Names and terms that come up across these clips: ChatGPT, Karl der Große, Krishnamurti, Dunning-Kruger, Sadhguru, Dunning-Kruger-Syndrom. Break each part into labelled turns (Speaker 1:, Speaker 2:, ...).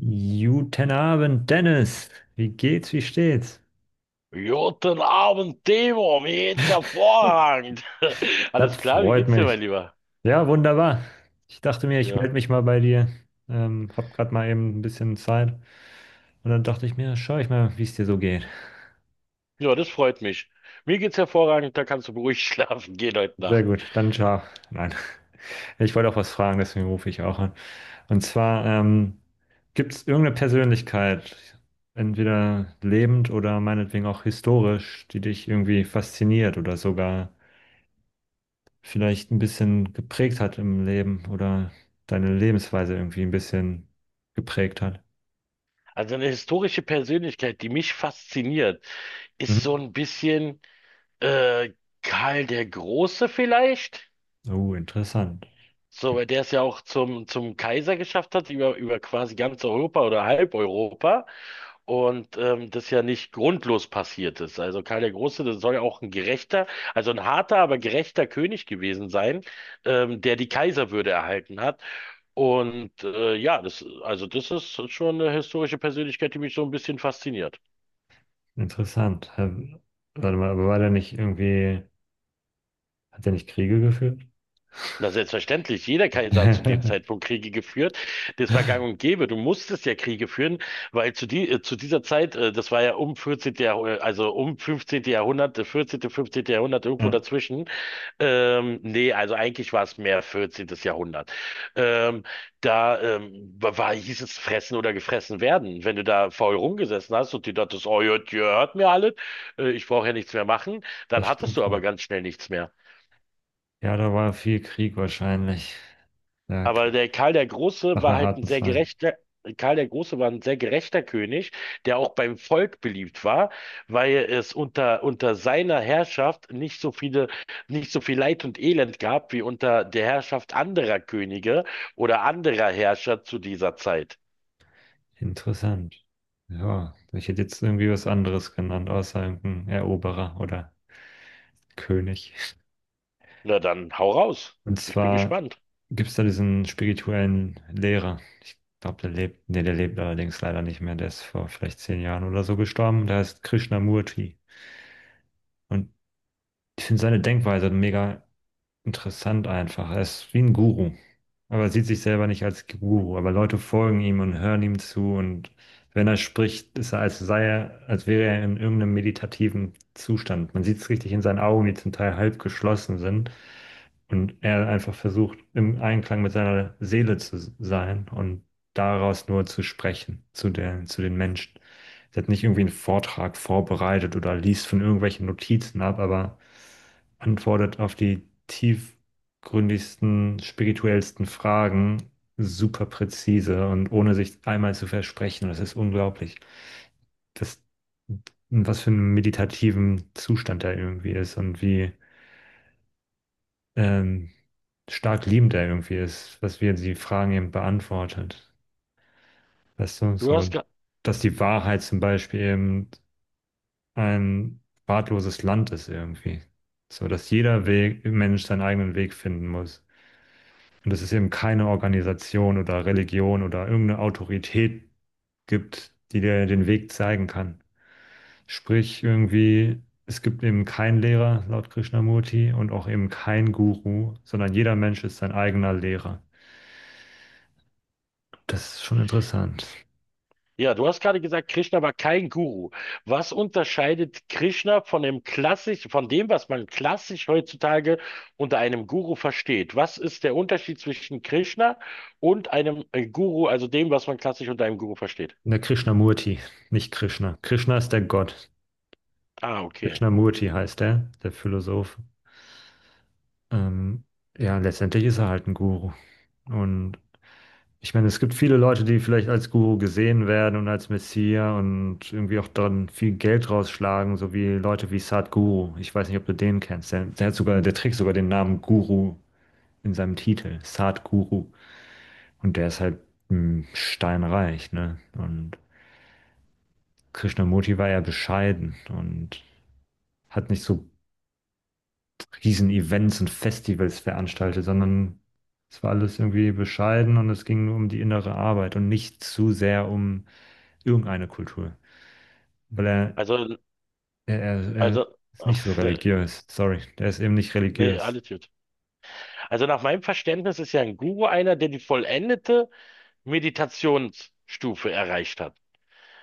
Speaker 1: Guten Abend, Dennis. Wie geht's, wie steht's?
Speaker 2: Guten Abend, Timo, mir geht's hervorragend.
Speaker 1: Das
Speaker 2: Alles klar, wie
Speaker 1: freut
Speaker 2: geht's dir,
Speaker 1: mich.
Speaker 2: mein Lieber?
Speaker 1: Ja, wunderbar. Ich dachte mir, ich melde
Speaker 2: Ja,
Speaker 1: mich mal bei dir. Hab grad mal eben ein bisschen Zeit. Und dann dachte ich mir, schau ich mal, wie es dir so geht.
Speaker 2: ja, das freut mich. Mir geht's hervorragend, da kannst du beruhigt schlafen gehen heute
Speaker 1: Sehr
Speaker 2: Nacht.
Speaker 1: gut, dann ciao. Nein, ich wollte auch was fragen, deswegen rufe ich auch an. Und zwar, gibt es irgendeine Persönlichkeit, entweder lebend oder meinetwegen auch historisch, die dich irgendwie fasziniert oder sogar vielleicht ein bisschen geprägt hat im Leben oder deine Lebensweise irgendwie ein bisschen geprägt hat.
Speaker 2: Also eine historische Persönlichkeit, die mich fasziniert, ist so
Speaker 1: Mhm.
Speaker 2: ein bisschen äh, Karl der Große vielleicht?
Speaker 1: Oh, interessant.
Speaker 2: So, weil der es ja auch zum Kaiser geschafft hat, über quasi ganz Europa oder halb Europa. Und das ja nicht grundlos passiert ist. Also Karl der Große, das soll ja auch ein gerechter, also ein harter, aber gerechter König gewesen sein, der die Kaiserwürde erhalten hat. Und ja, das, also das ist schon eine historische Persönlichkeit, die mich so ein bisschen fasziniert.
Speaker 1: Interessant. Hä, warte mal, aber war der nicht irgendwie, hat der nicht Kriege geführt?
Speaker 2: Na, selbstverständlich. Jeder Kaiser hat zu dem Zeitpunkt Kriege geführt. Das war gang und gäbe. Du musstest ja Kriege führen, weil zu, die, zu dieser Zeit, das war ja um 14. Jahrh also um 15. Jahrhundert, 14., 15. Jahrhundert, irgendwo
Speaker 1: Ja,
Speaker 2: dazwischen. Nee, also eigentlich war es mehr 14. Jahrhundert. Ähm, da war, hieß es fressen oder gefressen werden. Wenn du da faul rumgesessen hast und die dachtest, oh, ihr hört mir alle, ich brauche ja nichts mehr machen,
Speaker 1: das
Speaker 2: dann hattest
Speaker 1: stimmt
Speaker 2: du
Speaker 1: wohl.
Speaker 2: aber ganz schnell nichts mehr.
Speaker 1: Ja, da war viel Krieg wahrscheinlich. Ja,
Speaker 2: Aber
Speaker 1: Krieg
Speaker 2: der Karl der Große
Speaker 1: nach
Speaker 2: war
Speaker 1: einer
Speaker 2: halt ein
Speaker 1: harten
Speaker 2: sehr
Speaker 1: Zeit.
Speaker 2: gerechter, Karl der Große war ein sehr gerechter König, der auch beim Volk beliebt war, weil es unter seiner Herrschaft nicht so viele, nicht so viel Leid und Elend gab wie unter der Herrschaft anderer Könige oder anderer Herrscher zu dieser Zeit.
Speaker 1: Interessant. Ja, ich hätte jetzt irgendwie was anderes genannt, außer irgendein Eroberer oder König.
Speaker 2: Na dann, hau raus.
Speaker 1: Und
Speaker 2: Ich bin
Speaker 1: zwar,
Speaker 2: gespannt.
Speaker 1: gibt es da diesen spirituellen Lehrer? Ich glaube, der lebt, nee, der lebt allerdings leider nicht mehr. Der ist vor vielleicht 10 Jahren oder so gestorben. Der heißt Krishnamurti. Und ich finde seine Denkweise mega interessant einfach. Er ist wie ein Guru. Aber sieht sich selber nicht als Guru. Aber Leute folgen ihm und hören ihm zu. Und wenn er spricht, ist er, als sei er, als wäre er in irgendeinem meditativen Zustand. Man sieht es richtig in seinen Augen, die zum Teil halb geschlossen sind. Und er einfach versucht, im Einklang mit seiner Seele zu sein und daraus nur zu sprechen zu der, zu den Menschen. Er hat nicht irgendwie einen Vortrag vorbereitet oder liest von irgendwelchen Notizen ab, aber antwortet auf die tiefgründigsten, spirituellsten Fragen super präzise und ohne sich einmal zu versprechen. Das ist unglaublich. Das, was für einen meditativen Zustand er irgendwie ist und wie ähm, stark liebend er irgendwie ist, was wir die Fragen eben beantwortet. Weißt du,
Speaker 2: Du
Speaker 1: so,
Speaker 2: hast, ge-
Speaker 1: dass die Wahrheit zum Beispiel eben ein wahlloses Land ist irgendwie. So, dass jeder Weg, Mensch seinen eigenen Weg finden muss. Und dass es eben keine Organisation oder Religion oder irgendeine Autorität gibt, die dir den Weg zeigen kann. Sprich, irgendwie, es gibt eben keinen Lehrer laut Krishnamurti und auch eben keinen Guru, sondern jeder Mensch ist sein eigener Lehrer. Das ist schon interessant.
Speaker 2: Ja, du hast gerade gesagt, Krishna war kein Guru. Was unterscheidet Krishna von dem klassisch, von dem, was man klassisch heutzutage unter einem Guru versteht? Was ist der Unterschied zwischen Krishna und einem Guru, also dem, was man klassisch unter einem Guru versteht?
Speaker 1: Der Krishnamurti, nicht Krishna. Krishna ist der Gott.
Speaker 2: Ah, okay.
Speaker 1: Krishnamurti heißt er, der Philosoph. Ähm, ja, letztendlich ist er halt ein Guru. Und ich meine, es gibt viele Leute, die vielleicht als Guru gesehen werden und als Messias und irgendwie auch dann viel Geld rausschlagen, so wie Leute wie Sadhguru. Ich weiß nicht, ob du den kennst. Der hat sogar, der trägt sogar den Namen Guru in seinem Titel, Sadhguru. Und der ist halt mh, steinreich, ne? Und Krishnamurti war ja bescheiden und hat nicht so riesen Events und Festivals veranstaltet, sondern es war alles irgendwie bescheiden und es ging nur um die innere Arbeit und nicht zu sehr um irgendeine Kultur. Weil er,
Speaker 2: Also,
Speaker 1: er
Speaker 2: also,
Speaker 1: ist nicht so
Speaker 2: ach, äh,
Speaker 1: religiös. Sorry, der ist eben nicht
Speaker 2: nee,
Speaker 1: religiös.
Speaker 2: alles gut. Also nach meinem Verständnis ist ja ein Guru einer, der die vollendete Meditationsstufe erreicht hat.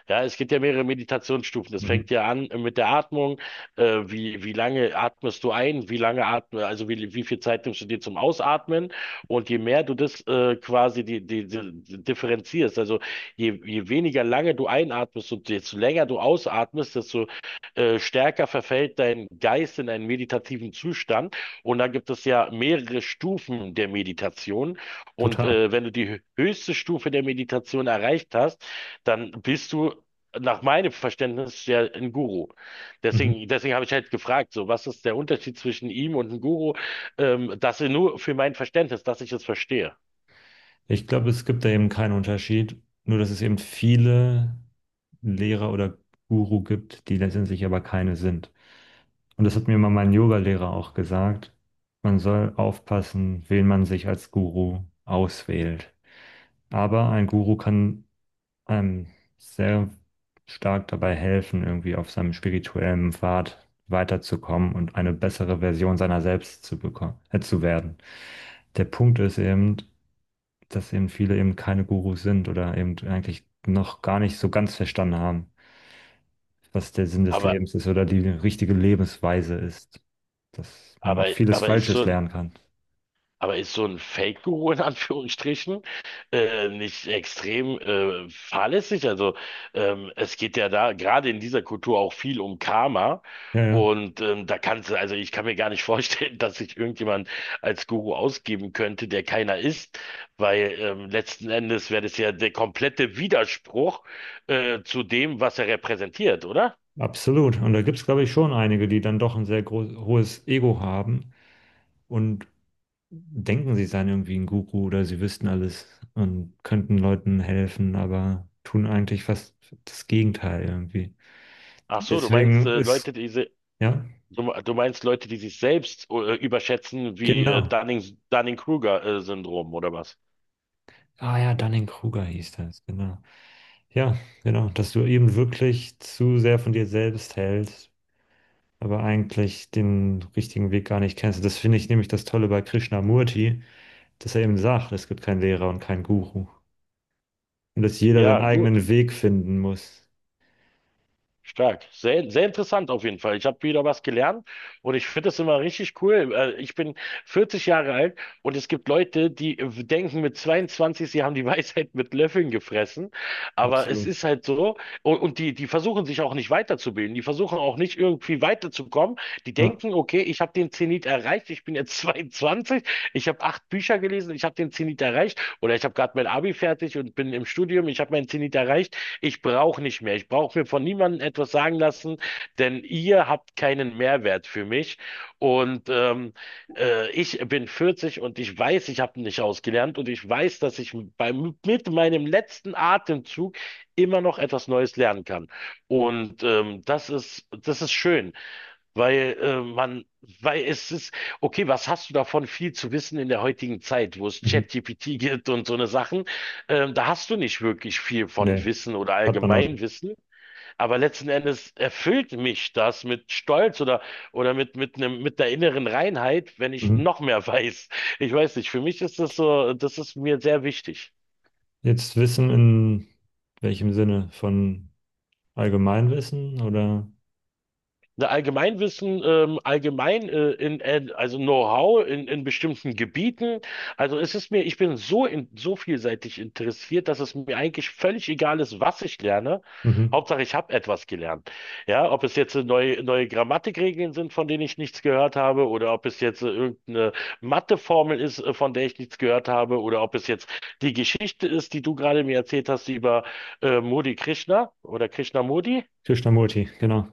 Speaker 2: Ja, es gibt ja mehrere Meditationsstufen. Das
Speaker 1: Mhm.
Speaker 2: fängt ja an mit der Atmung. Wie, wie lange atmest du ein? Wie lange atme, also wie, wie viel Zeit nimmst du dir zum Ausatmen? Und je mehr du das quasi die, die, die differenzierst, also je, je weniger lange du einatmest und desto länger du ausatmest, desto stärker verfällt dein Geist in einen meditativen Zustand. Und da gibt es ja mehrere Stufen der Meditation. Und
Speaker 1: Total.
Speaker 2: wenn du die höchste Stufe der Meditation erreicht hast, dann bist du nach meinem Verständnis ja ein Guru.
Speaker 1: Mhm.
Speaker 2: Deswegen habe ich halt gefragt, so, was ist der Unterschied zwischen ihm und einem Guru? Das nur für mein Verständnis, dass ich es verstehe.
Speaker 1: Ich glaube, es gibt da eben keinen Unterschied, nur dass es eben viele Lehrer oder Guru gibt, die letztendlich aber keine sind. Und das hat mir mal mein Yoga-Lehrer auch gesagt. Man soll aufpassen, wen man sich als Guru auswählt. Aber ein Guru kann einem sehr stark dabei helfen, irgendwie auf seinem spirituellen Pfad weiterzukommen und eine bessere Version seiner selbst zu bekommen, zu werden. Der Punkt ist eben, dass eben viele eben keine Gurus sind oder eben eigentlich noch gar nicht so ganz verstanden haben, was der Sinn des
Speaker 2: Aber,
Speaker 1: Lebens ist oder die richtige Lebensweise ist, dass man auch
Speaker 2: aber,
Speaker 1: vieles
Speaker 2: aber ist
Speaker 1: Falsches
Speaker 2: so.
Speaker 1: lernen kann.
Speaker 2: Aber ist so ein Fake-Guru in Anführungsstrichen nicht extrem fahrlässig? Also es geht ja da gerade in dieser Kultur auch viel um Karma.
Speaker 1: Ja, ja,
Speaker 2: Und da kannst du, also ich kann mir gar nicht vorstellen, dass sich irgendjemand als Guru ausgeben könnte, der keiner ist, weil letzten Endes wäre das ja der komplette Widerspruch zu dem, was er repräsentiert, oder?
Speaker 1: absolut. Und da gibt es, glaube ich, schon einige, die dann doch ein sehr groß, hohes Ego haben und denken, sie seien irgendwie ein Guru oder sie wüssten alles und könnten Leuten helfen, aber tun eigentlich fast das Gegenteil irgendwie.
Speaker 2: Ach so, du meinst
Speaker 1: Deswegen ist,
Speaker 2: Leute, diese.
Speaker 1: ja,
Speaker 2: Du meinst Leute, die sich selbst überschätzen, wie
Speaker 1: genau.
Speaker 2: Dunning-Kruger-Syndrom oder was?
Speaker 1: Ah ja, Dunning-Kruger hieß das, genau. Ja, genau, dass du eben wirklich zu sehr von dir selbst hältst, aber eigentlich den richtigen Weg gar nicht kennst. Das finde ich nämlich das Tolle bei Krishnamurti, dass er eben sagt, es gibt keinen Lehrer und keinen Guru. Und dass jeder seinen
Speaker 2: Ja, gut.
Speaker 1: eigenen Weg finden muss.
Speaker 2: Stark. Sehr, sehr interessant auf jeden Fall. Ich habe wieder was gelernt und ich finde es immer richtig cool. Ich bin 40 Jahre alt und es gibt Leute, die denken mit 22, sie haben die Weisheit mit Löffeln gefressen. Aber es
Speaker 1: Absolut.
Speaker 2: ist halt so. Und die, die versuchen sich auch nicht weiterzubilden. Die versuchen auch nicht irgendwie weiterzukommen. Die
Speaker 1: Ja.
Speaker 2: denken, okay, ich habe den Zenit erreicht. Ich bin jetzt 22. Ich habe 8 Bücher gelesen. Ich habe den Zenit erreicht. Oder ich habe gerade mein Abi fertig und bin im Studium. Ich habe meinen Zenit erreicht. Ich brauche nicht mehr. Ich brauche mir von niemandem etwas sagen lassen, denn ihr habt keinen Mehrwert für mich. Und ich bin 40 und ich weiß, ich habe nicht ausgelernt und ich weiß, dass ich beim, mit meinem letzten Atemzug immer noch etwas Neues lernen kann. Und das ist schön. Weil man, weil es ist, okay, was hast du davon, viel zu wissen in der heutigen Zeit, wo es
Speaker 1: Mhm.
Speaker 2: ChatGPT gibt und so eine Sachen, da hast du nicht wirklich viel von
Speaker 1: Nee.
Speaker 2: Wissen oder
Speaker 1: Hat man noch nicht.
Speaker 2: Allgemeinwissen, aber letzten Endes erfüllt mich das mit Stolz oder mit einem, mit der inneren Reinheit, wenn ich
Speaker 1: Mhm.
Speaker 2: noch mehr weiß. Ich weiß nicht, für mich ist das so, das ist mir sehr wichtig.
Speaker 1: Jetzt Wissen in welchem Sinne? Von Allgemeinwissen oder?
Speaker 2: Ne, Allgemeinwissen, allgemein also Know-how in bestimmten Gebieten. Also es ist mir, ich bin so in, so vielseitig interessiert, dass es mir eigentlich völlig egal ist, was ich lerne.
Speaker 1: Mhm.
Speaker 2: Hauptsache, ich habe etwas gelernt. Ja, ob es jetzt neue, neue Grammatikregeln sind, von denen ich nichts gehört habe, oder ob es jetzt irgendeine Matheformel ist, von der ich nichts gehört habe, oder ob es jetzt die Geschichte ist, die du gerade mir erzählt hast über Modi Krishna oder Krishnamurti.
Speaker 1: Krishnamurti, genau.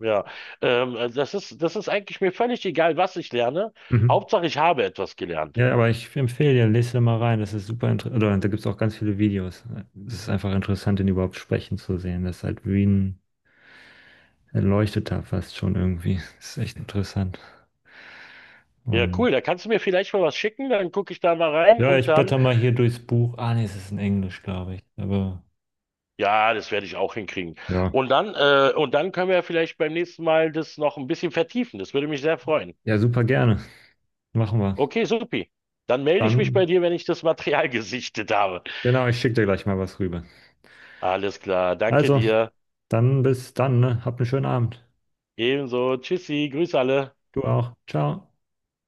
Speaker 2: Ja, also das ist eigentlich mir völlig egal, was ich lerne.
Speaker 1: Mhm.
Speaker 2: Hauptsache, ich habe etwas gelernt.
Speaker 1: Ja, aber ich empfehle dir, lese da mal rein. Das ist super interessant. Oder da gibt es auch ganz viele Videos. Es ist einfach interessant, den überhaupt sprechen zu sehen. Das ist halt wie ein Erleuchteter fast schon irgendwie. Das ist echt interessant.
Speaker 2: Ja, cool.
Speaker 1: Und
Speaker 2: Da kannst du mir vielleicht mal was schicken, dann gucke ich da mal rein
Speaker 1: ja,
Speaker 2: und
Speaker 1: ich
Speaker 2: dann,
Speaker 1: blätter mal hier durchs Buch. Ah, nee, es ist in Englisch, glaube ich. Aber
Speaker 2: ja, das werde ich auch hinkriegen.
Speaker 1: ja,
Speaker 2: Und dann können wir ja vielleicht beim nächsten Mal das noch ein bisschen vertiefen. Das würde mich sehr freuen.
Speaker 1: ja, super gerne. Machen wir.
Speaker 2: Okay, supi. Dann melde ich mich
Speaker 1: Dann.
Speaker 2: bei dir, wenn ich das Material gesichtet habe.
Speaker 1: Genau, ich schicke dir gleich mal was rüber.
Speaker 2: Alles klar. Danke
Speaker 1: Also,
Speaker 2: dir.
Speaker 1: dann bis dann, ne? Habt einen schönen Abend.
Speaker 2: Ebenso. Tschüssi. Grüß alle.
Speaker 1: Du auch. Ciao.